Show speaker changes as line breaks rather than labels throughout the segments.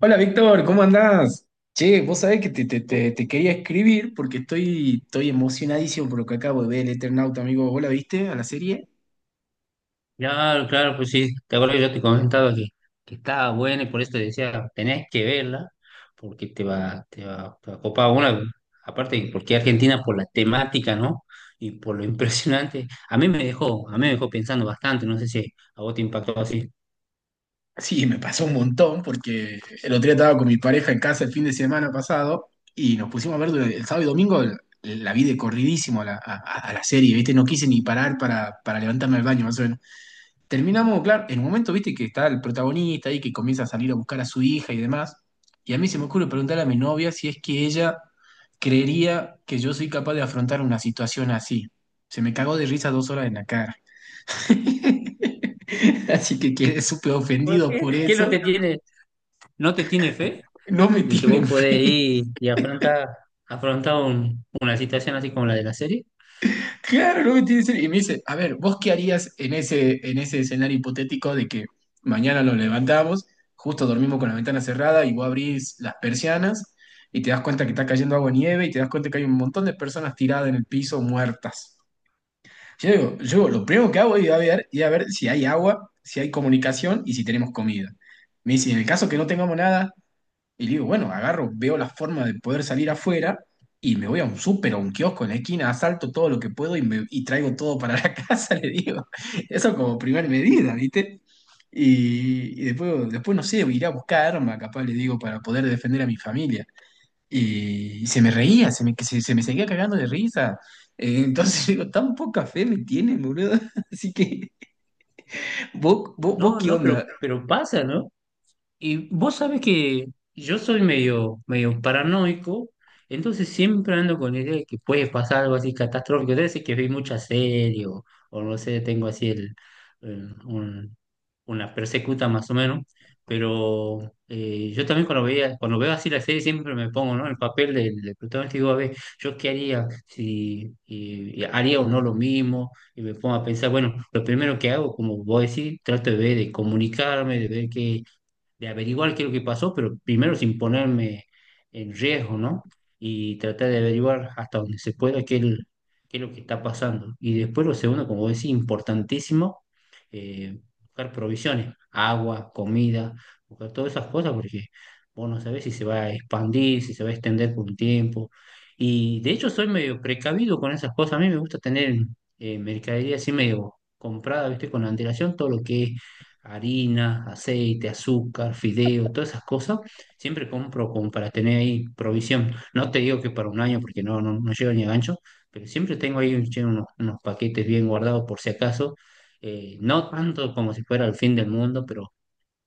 Hola Víctor, ¿cómo andás? Che, vos sabés que te quería escribir porque estoy emocionadísimo por lo que acabo de ver, el Eternauta, amigo. ¿Vos la viste a la serie?
Claro, claro, pues sí, te acuerdas que yo te comentaba que estaba buena y por eso te decía, tenés que verla, porque te va, te va, te va a copar una, aparte porque Argentina por la temática, ¿no? Y por lo impresionante, a mí me dejó, a mí me dejó pensando bastante, no sé si a vos te impactó así.
Sí, me pasó un montón porque el otro día estaba con mi pareja en casa el fin de semana pasado y nos pusimos a ver el sábado y domingo, la vi de corridísimo a la serie, ¿viste? No quise ni parar para levantarme al baño, más o menos. Terminamos, claro, en un momento, viste, que está el protagonista ahí que comienza a salir a buscar a su hija y demás. Y a mí se me ocurre preguntar a mi novia si es que ella creería que yo soy capaz de afrontar una situación así. Se me cagó de risa dos horas en la cara. Así que quedé súper
¿Por
ofendido
qué?
por
¿Qué no
eso.
te tiene, no te tiene fe
No me
de que
tienen
vos podés
fe.
ir y afrontar, afrontar una situación así como la de la serie?
Claro, lo que tiene que ser. Y me dice, a ver, ¿vos qué harías en en ese escenario hipotético de que mañana nos levantamos, justo dormimos con la ventana cerrada y vos abrís las persianas y te das cuenta que está cayendo agua y nieve y te das cuenta que hay un montón de personas tiradas en el piso muertas? Yo digo, yo lo primero que hago es ir a ver si hay agua, si hay comunicación y si tenemos comida. Me dice, en el caso que no tengamos nada, y digo, bueno, agarro, veo la forma de poder salir afuera y me voy a un súper o un kiosco en la esquina, asalto todo lo que puedo y, y traigo todo para la casa, le digo. Eso como primer medida, ¿viste? Y, después, no sé, iré a buscar arma, capaz, le digo, para poder defender a mi familia. Y, se me reía, se me seguía cagando de risa. Entonces digo, tan poca fe me tienen, boludo. Así que,
Y
vos
no,
qué
no,
onda?
pero pasa, ¿no? Y vos sabés que yo soy medio, medio paranoico, entonces siempre ando con la idea de que puede pasar algo así catastrófico. Debe ser que vi mucha serie o no sé, tengo así el, el- un- una persecuta más o menos. Pero yo también cuando veía, cuando veo así la serie siempre me pongo, ¿no?, en el papel del, del protagonista y digo, a ver, ¿yo qué haría? Si y- Y haría o no lo mismo, y me pongo a pensar, bueno, lo primero que hago, como vos decís, trato de ver, de comunicarme, de ver qué de averiguar qué es lo que pasó, pero primero sin ponerme en riesgo, ¿no? Y tratar de averiguar hasta donde se pueda qué es, qué es lo que está pasando. Y después lo segundo, como decía, importantísimo, buscar provisiones, agua, comida, buscar todas esas cosas, porque vos no sabés si se va a expandir, si se va a extender por un tiempo. Y de hecho soy medio precavido con esas cosas. A mí me gusta tener mercadería así medio comprada, ¿viste? Con antelación, todo lo que es harina, aceite, azúcar, fideo, todas esas cosas, siempre compro como para tener ahí provisión. No te digo que para un año porque no, no, no llego ni a gancho, pero siempre tengo ahí che, unos, unos paquetes bien guardados por si acaso. No tanto como si fuera el fin del mundo, pero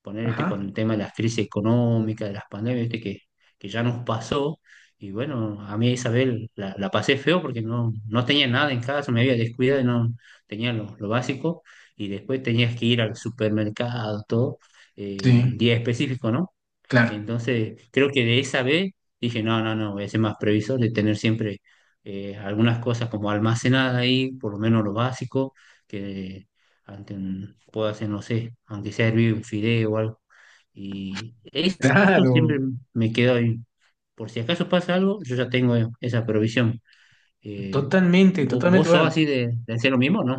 poner este
Ajá,
con el tema de las crisis económicas, de las pandemias, ¿viste? Que ya nos pasó. Y bueno, a mí Isabel la, la pasé feo porque no, no tenía nada en casa, me había descuidado y no tenía lo básico. Y después tenías que ir al supermercado, todo,
sí,
en día específico, ¿no?
claro.
Entonces, creo que de esa vez dije, no, no, no, voy a ser más previsor de tener siempre algunas cosas como almacenadas ahí, por lo menos lo básico, que puedo hacer, no sé, aunque sea hervir un fideo o algo. Y eso,
Claro,
siempre me quedo ahí. Por si acaso pasa algo, yo ya tengo esa provisión. Eh,
totalmente, totalmente.
¿vos sos
Bueno,
así de hacer lo mismo, no?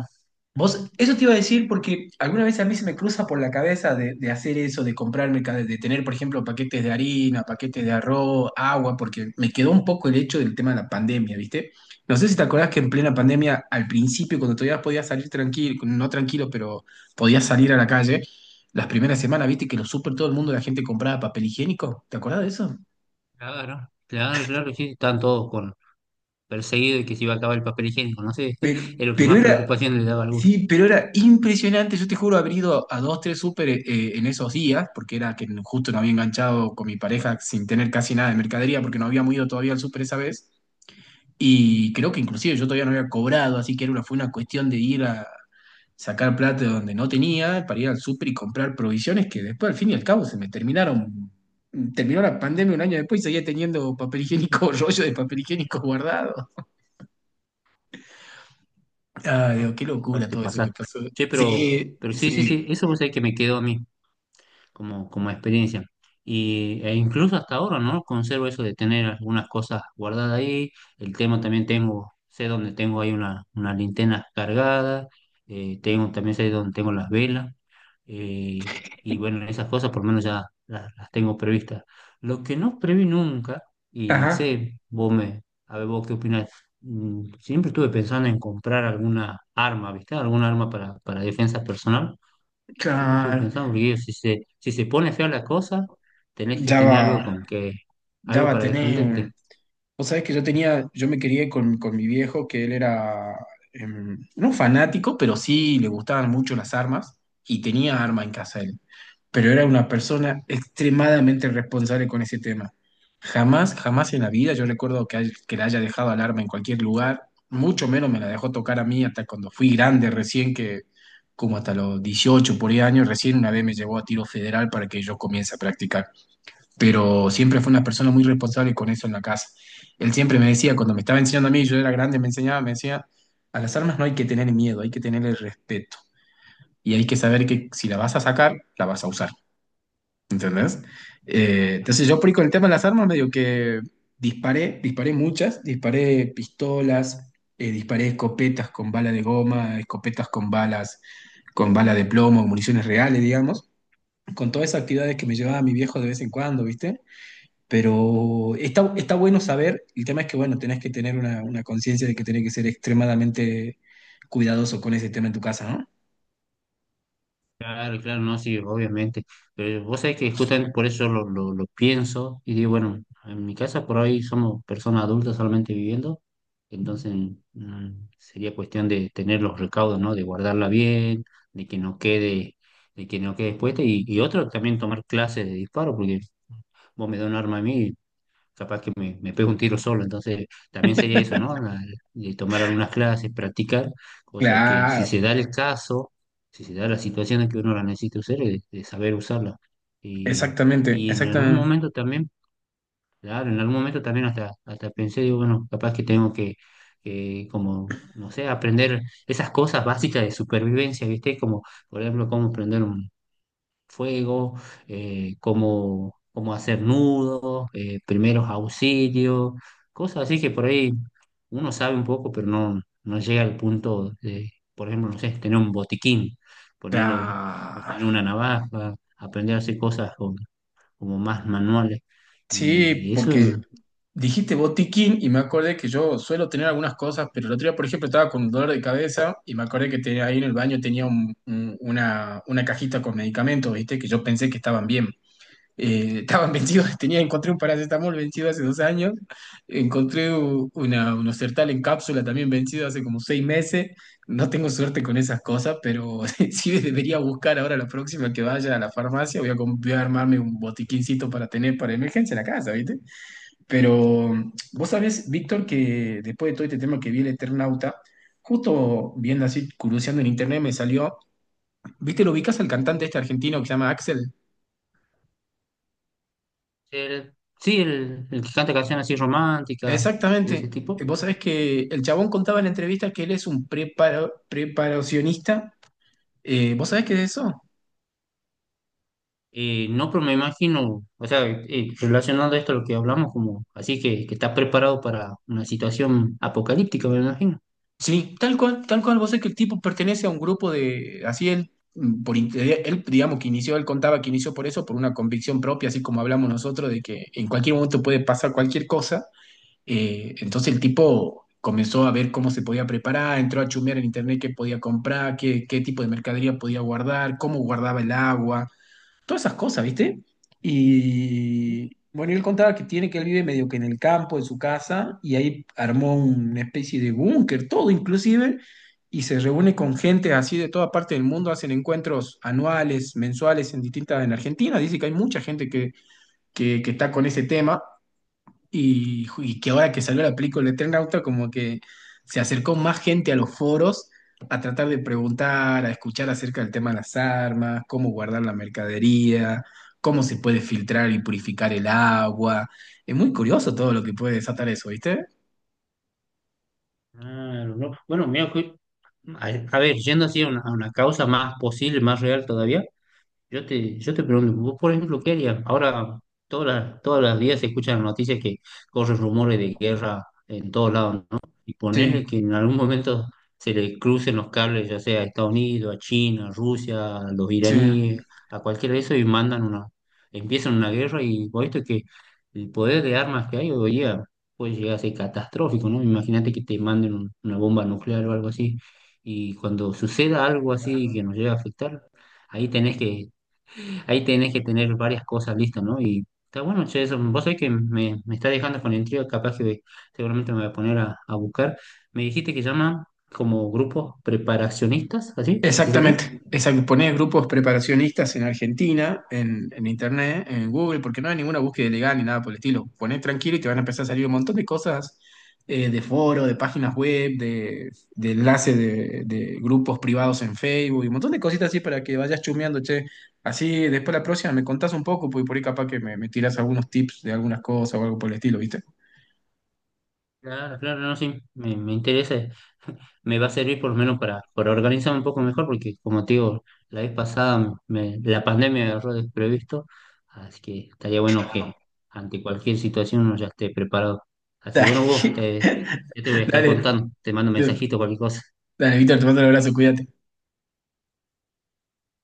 vos, eso te iba a decir porque alguna vez a mí se me cruza por la cabeza de hacer eso, de comprarme, de tener, por ejemplo, paquetes de harina, paquetes de arroz, agua, porque me quedó un poco el hecho del tema de la pandemia, ¿viste? No sé si te acordás que en plena pandemia, al principio, cuando todavía podías salir tranquilo, no tranquilo, pero podías salir a la calle, las primeras semanas, ¿viste? Que los super todo el mundo, la gente compraba papel higiénico. ¿Te acordás de eso?
Claro, claro, claro, sí, están todos con perseguidos y que se iba a acabar el papel higiénico, no sé,
Pero,
es lo que
pero
más
era,
preocupación le daba a algunos.
sí, pero era impresionante. Yo te juro haber ido a dos, tres súper en esos días, porque era que justo no había enganchado con mi pareja sin tener casi nada de mercadería, porque no habíamos ido todavía al súper esa vez. Y creo que inclusive yo todavía no había cobrado, así que era fue una cuestión de ir a sacar plata de donde no tenía para ir al súper y comprar provisiones que después, al fin y al cabo, se me terminaron. Terminó la pandemia un año después y seguía teniendo papel higiénico, rollo de papel higiénico guardado. Ah,
Ah,
Dios, qué
igual
locura
te
todo eso
pasas.
que pasó.
Che,
Sí,
pero sí, sí, sí,
sí.
eso vos sabés que me quedó a mí como, como experiencia. Y, e incluso hasta ahora, ¿no? Conservo eso de tener algunas cosas guardadas ahí. El tema también tengo, sé dónde tengo ahí una linterna cargada, tengo, también sé dónde tengo las velas. eh, y bueno, esas cosas por lo menos ya las tengo previstas. Lo que no preví nunca, y no
Ajá,
sé, vos me, a ver vos qué opinás, siempre estuve pensando en comprar alguna arma, ¿viste? Alguna arma para defensa personal. Siempre estuve
claro.
pensando, porque digo, si se, si se pone fea la cosa, tenés que
Ya
tener
va,
algo con que,
ya
algo
va a
para defenderte.
tener. Vos sabés que yo tenía, yo me quería con mi viejo, que él era no fanático, pero sí le gustaban mucho las armas, y tenía arma en casa él. Pero era una persona extremadamente responsable con ese tema. Jamás, jamás en la vida yo recuerdo que le haya dejado alarma en cualquier lugar, mucho menos me la dejó tocar a mí hasta cuando fui grande recién, que como hasta los 18 por ahí años, recién una vez me llevó a tiro federal para que yo comience a practicar. Pero siempre fue una persona muy responsable con eso en la casa. Él siempre me decía, cuando me estaba enseñando a mí, yo era grande, me enseñaba, me decía, a las armas no hay que tener miedo, hay que tener el respeto. Y hay que saber que si la vas a sacar, la vas a usar. ¿Entendés?
Ya.
Entonces yo por ahí con el tema de las armas medio que disparé, disparé muchas, disparé pistolas, disparé escopetas con bala de goma, escopetas con balas, con bala de plomo, municiones reales, digamos, con todas esas actividades que me llevaba mi viejo de vez en cuando, ¿viste? Pero está bueno saber, el tema es que, bueno, tenés que tener una conciencia de que tenés que ser extremadamente cuidadoso con ese tema en tu casa, ¿no?
Claro, claro, no, sí, obviamente. Pero vos sabés que justamente por eso lo pienso y digo, bueno, en mi casa por ahí somos personas adultas solamente viviendo, entonces mm, sería cuestión de tener los recaudos, ¿no? De guardarla bien, de que no quede, de que no quede expuesta y otro también tomar clases de disparo, porque vos me das un arma a mí capaz que me pego un tiro solo. Entonces, también sería eso, ¿no? De tomar algunas clases, practicar, cosa que si
Claro,
se da el caso, si se da la situación en que uno la necesita usar, es de, saber usarla. Y,
exactamente,
y en algún
exactamente.
momento también, claro, en algún momento también hasta, hasta pensé, digo, bueno, capaz que tengo que como, no sé, aprender esas cosas básicas de supervivencia, ¿viste? Como, por ejemplo, cómo prender un fuego, cómo, cómo hacer nudos, primeros auxilios, cosas así que por ahí uno sabe un poco, pero no, no llega al punto de, por ejemplo, no sé, tener un botiquín, ponerle o tener una navaja, aprender a hacer cosas como más manuales.
Sí,
Y eso,
porque dijiste botiquín y me acordé que yo suelo tener algunas cosas, pero el otro día, por ejemplo, estaba con un dolor de cabeza y me acordé que tenía, ahí en el baño tenía una cajita con medicamentos, ¿viste? Que yo pensé que estaban bien. Estaban vencidos, tenía, encontré un paracetamol vencido hace 2 años, encontré unos Sertal en cápsula también vencido hace como 6 meses. No tengo suerte con esas cosas, pero sí debería buscar ahora la próxima que vaya a la farmacia. Voy a, voy a armarme un botiquincito para tener para emergencia en la casa, ¿viste? Pero vos sabés, Víctor, que después de todo este tema que vi el Eternauta, justo viendo así, curioseando en internet, me salió. ¿Viste? ¿Lo ubicas al cantante este argentino que se llama Axel?
el- sí, el que canta canciones así románticas, de ese
Exactamente.
tipo.
Vos sabés que el chabón contaba en la entrevista que él es un preparacionista. ¿Vos sabés qué es eso?
No, pero me imagino, o sea, relacionando esto a lo que hablamos, como así que estás preparado para una situación apocalíptica, me imagino.
Sí, tal cual, tal cual. Vos sabés que el tipo pertenece a un grupo de... Así él, él, digamos que inició, él contaba que inició por eso, por una convicción propia, así como hablamos nosotros, de que en cualquier momento puede pasar cualquier cosa. Entonces el tipo comenzó a ver cómo se podía preparar, entró a chumear en internet qué podía comprar, qué tipo de mercadería podía guardar, cómo guardaba el agua todas esas cosas, ¿viste? Y bueno, y él contaba que tiene que él vive medio que en el campo, en su casa, y ahí armó una especie de búnker, todo inclusive, y se reúne con gente así de toda parte del mundo, hacen encuentros anuales, mensuales en distintas, en Argentina, dice que hay mucha gente que está con ese tema, y, y que ahora que salió la película de Tren Auto, como que se acercó más gente a los foros a tratar de preguntar, a escuchar acerca del tema de las armas, cómo guardar la mercadería, cómo se puede filtrar y purificar el agua. Es muy curioso todo lo que puede desatar eso, ¿viste?
Claro, ¿no? Bueno, mira, que- a, a ver, yendo así a una causa más posible, más real todavía, yo te, yo te pregunto, vos por ejemplo, ¿qué harías? Ahora todas las, todos los días se escuchan en noticias que corren rumores de guerra en todos lados, ¿no? Y
Sí,
ponerle que en algún momento se le crucen los cables, ya sea a Estados Unidos, a China, a Rusia, a los
sí.
iraníes, a cualquiera de eso y mandan una, empiezan una guerra y vos visto que el poder de armas que hay hoy día puede llegar a ser catastrófico, ¿no? Imagínate que te manden una bomba nuclear o algo así y cuando suceda algo así que nos llegue a afectar ahí tenés que. Ahí tenés que tener varias cosas listas, ¿no? Y está bueno, che, eso. Vos sabés que me está dejando con intriga, capaz que seguramente me voy a poner a buscar. Me dijiste que llaman como grupos preparacionistas, ¿así? ¿Así sería?
Exactamente, exacto. Ponés grupos preparacionistas en Argentina, en Internet, en Google, porque no hay ninguna búsqueda ilegal ni nada por el estilo. Ponés tranquilo y te van a empezar a salir un montón de cosas de foro, de páginas web, de enlaces de grupos privados en Facebook y un montón de cositas así para que vayas chumeando, che. Así después la próxima me contás un poco, porque por ahí capaz que me tirás algunos tips de algunas cosas o algo por el estilo, ¿viste?
Claro, claro, no, sí, me interesa. Me va a servir por lo menos para organizarme un poco mejor, porque como te digo, la vez pasada me- la pandemia me agarró desprevisto, así que estaría bueno que ante cualquier situación uno ya esté preparado. Así que bueno, vos,
Dale,
te, yo te voy a estar
dale,
contando, te mando un mensajito, cualquier cosa.
dale, Víctor, te mando un abrazo, cuídate.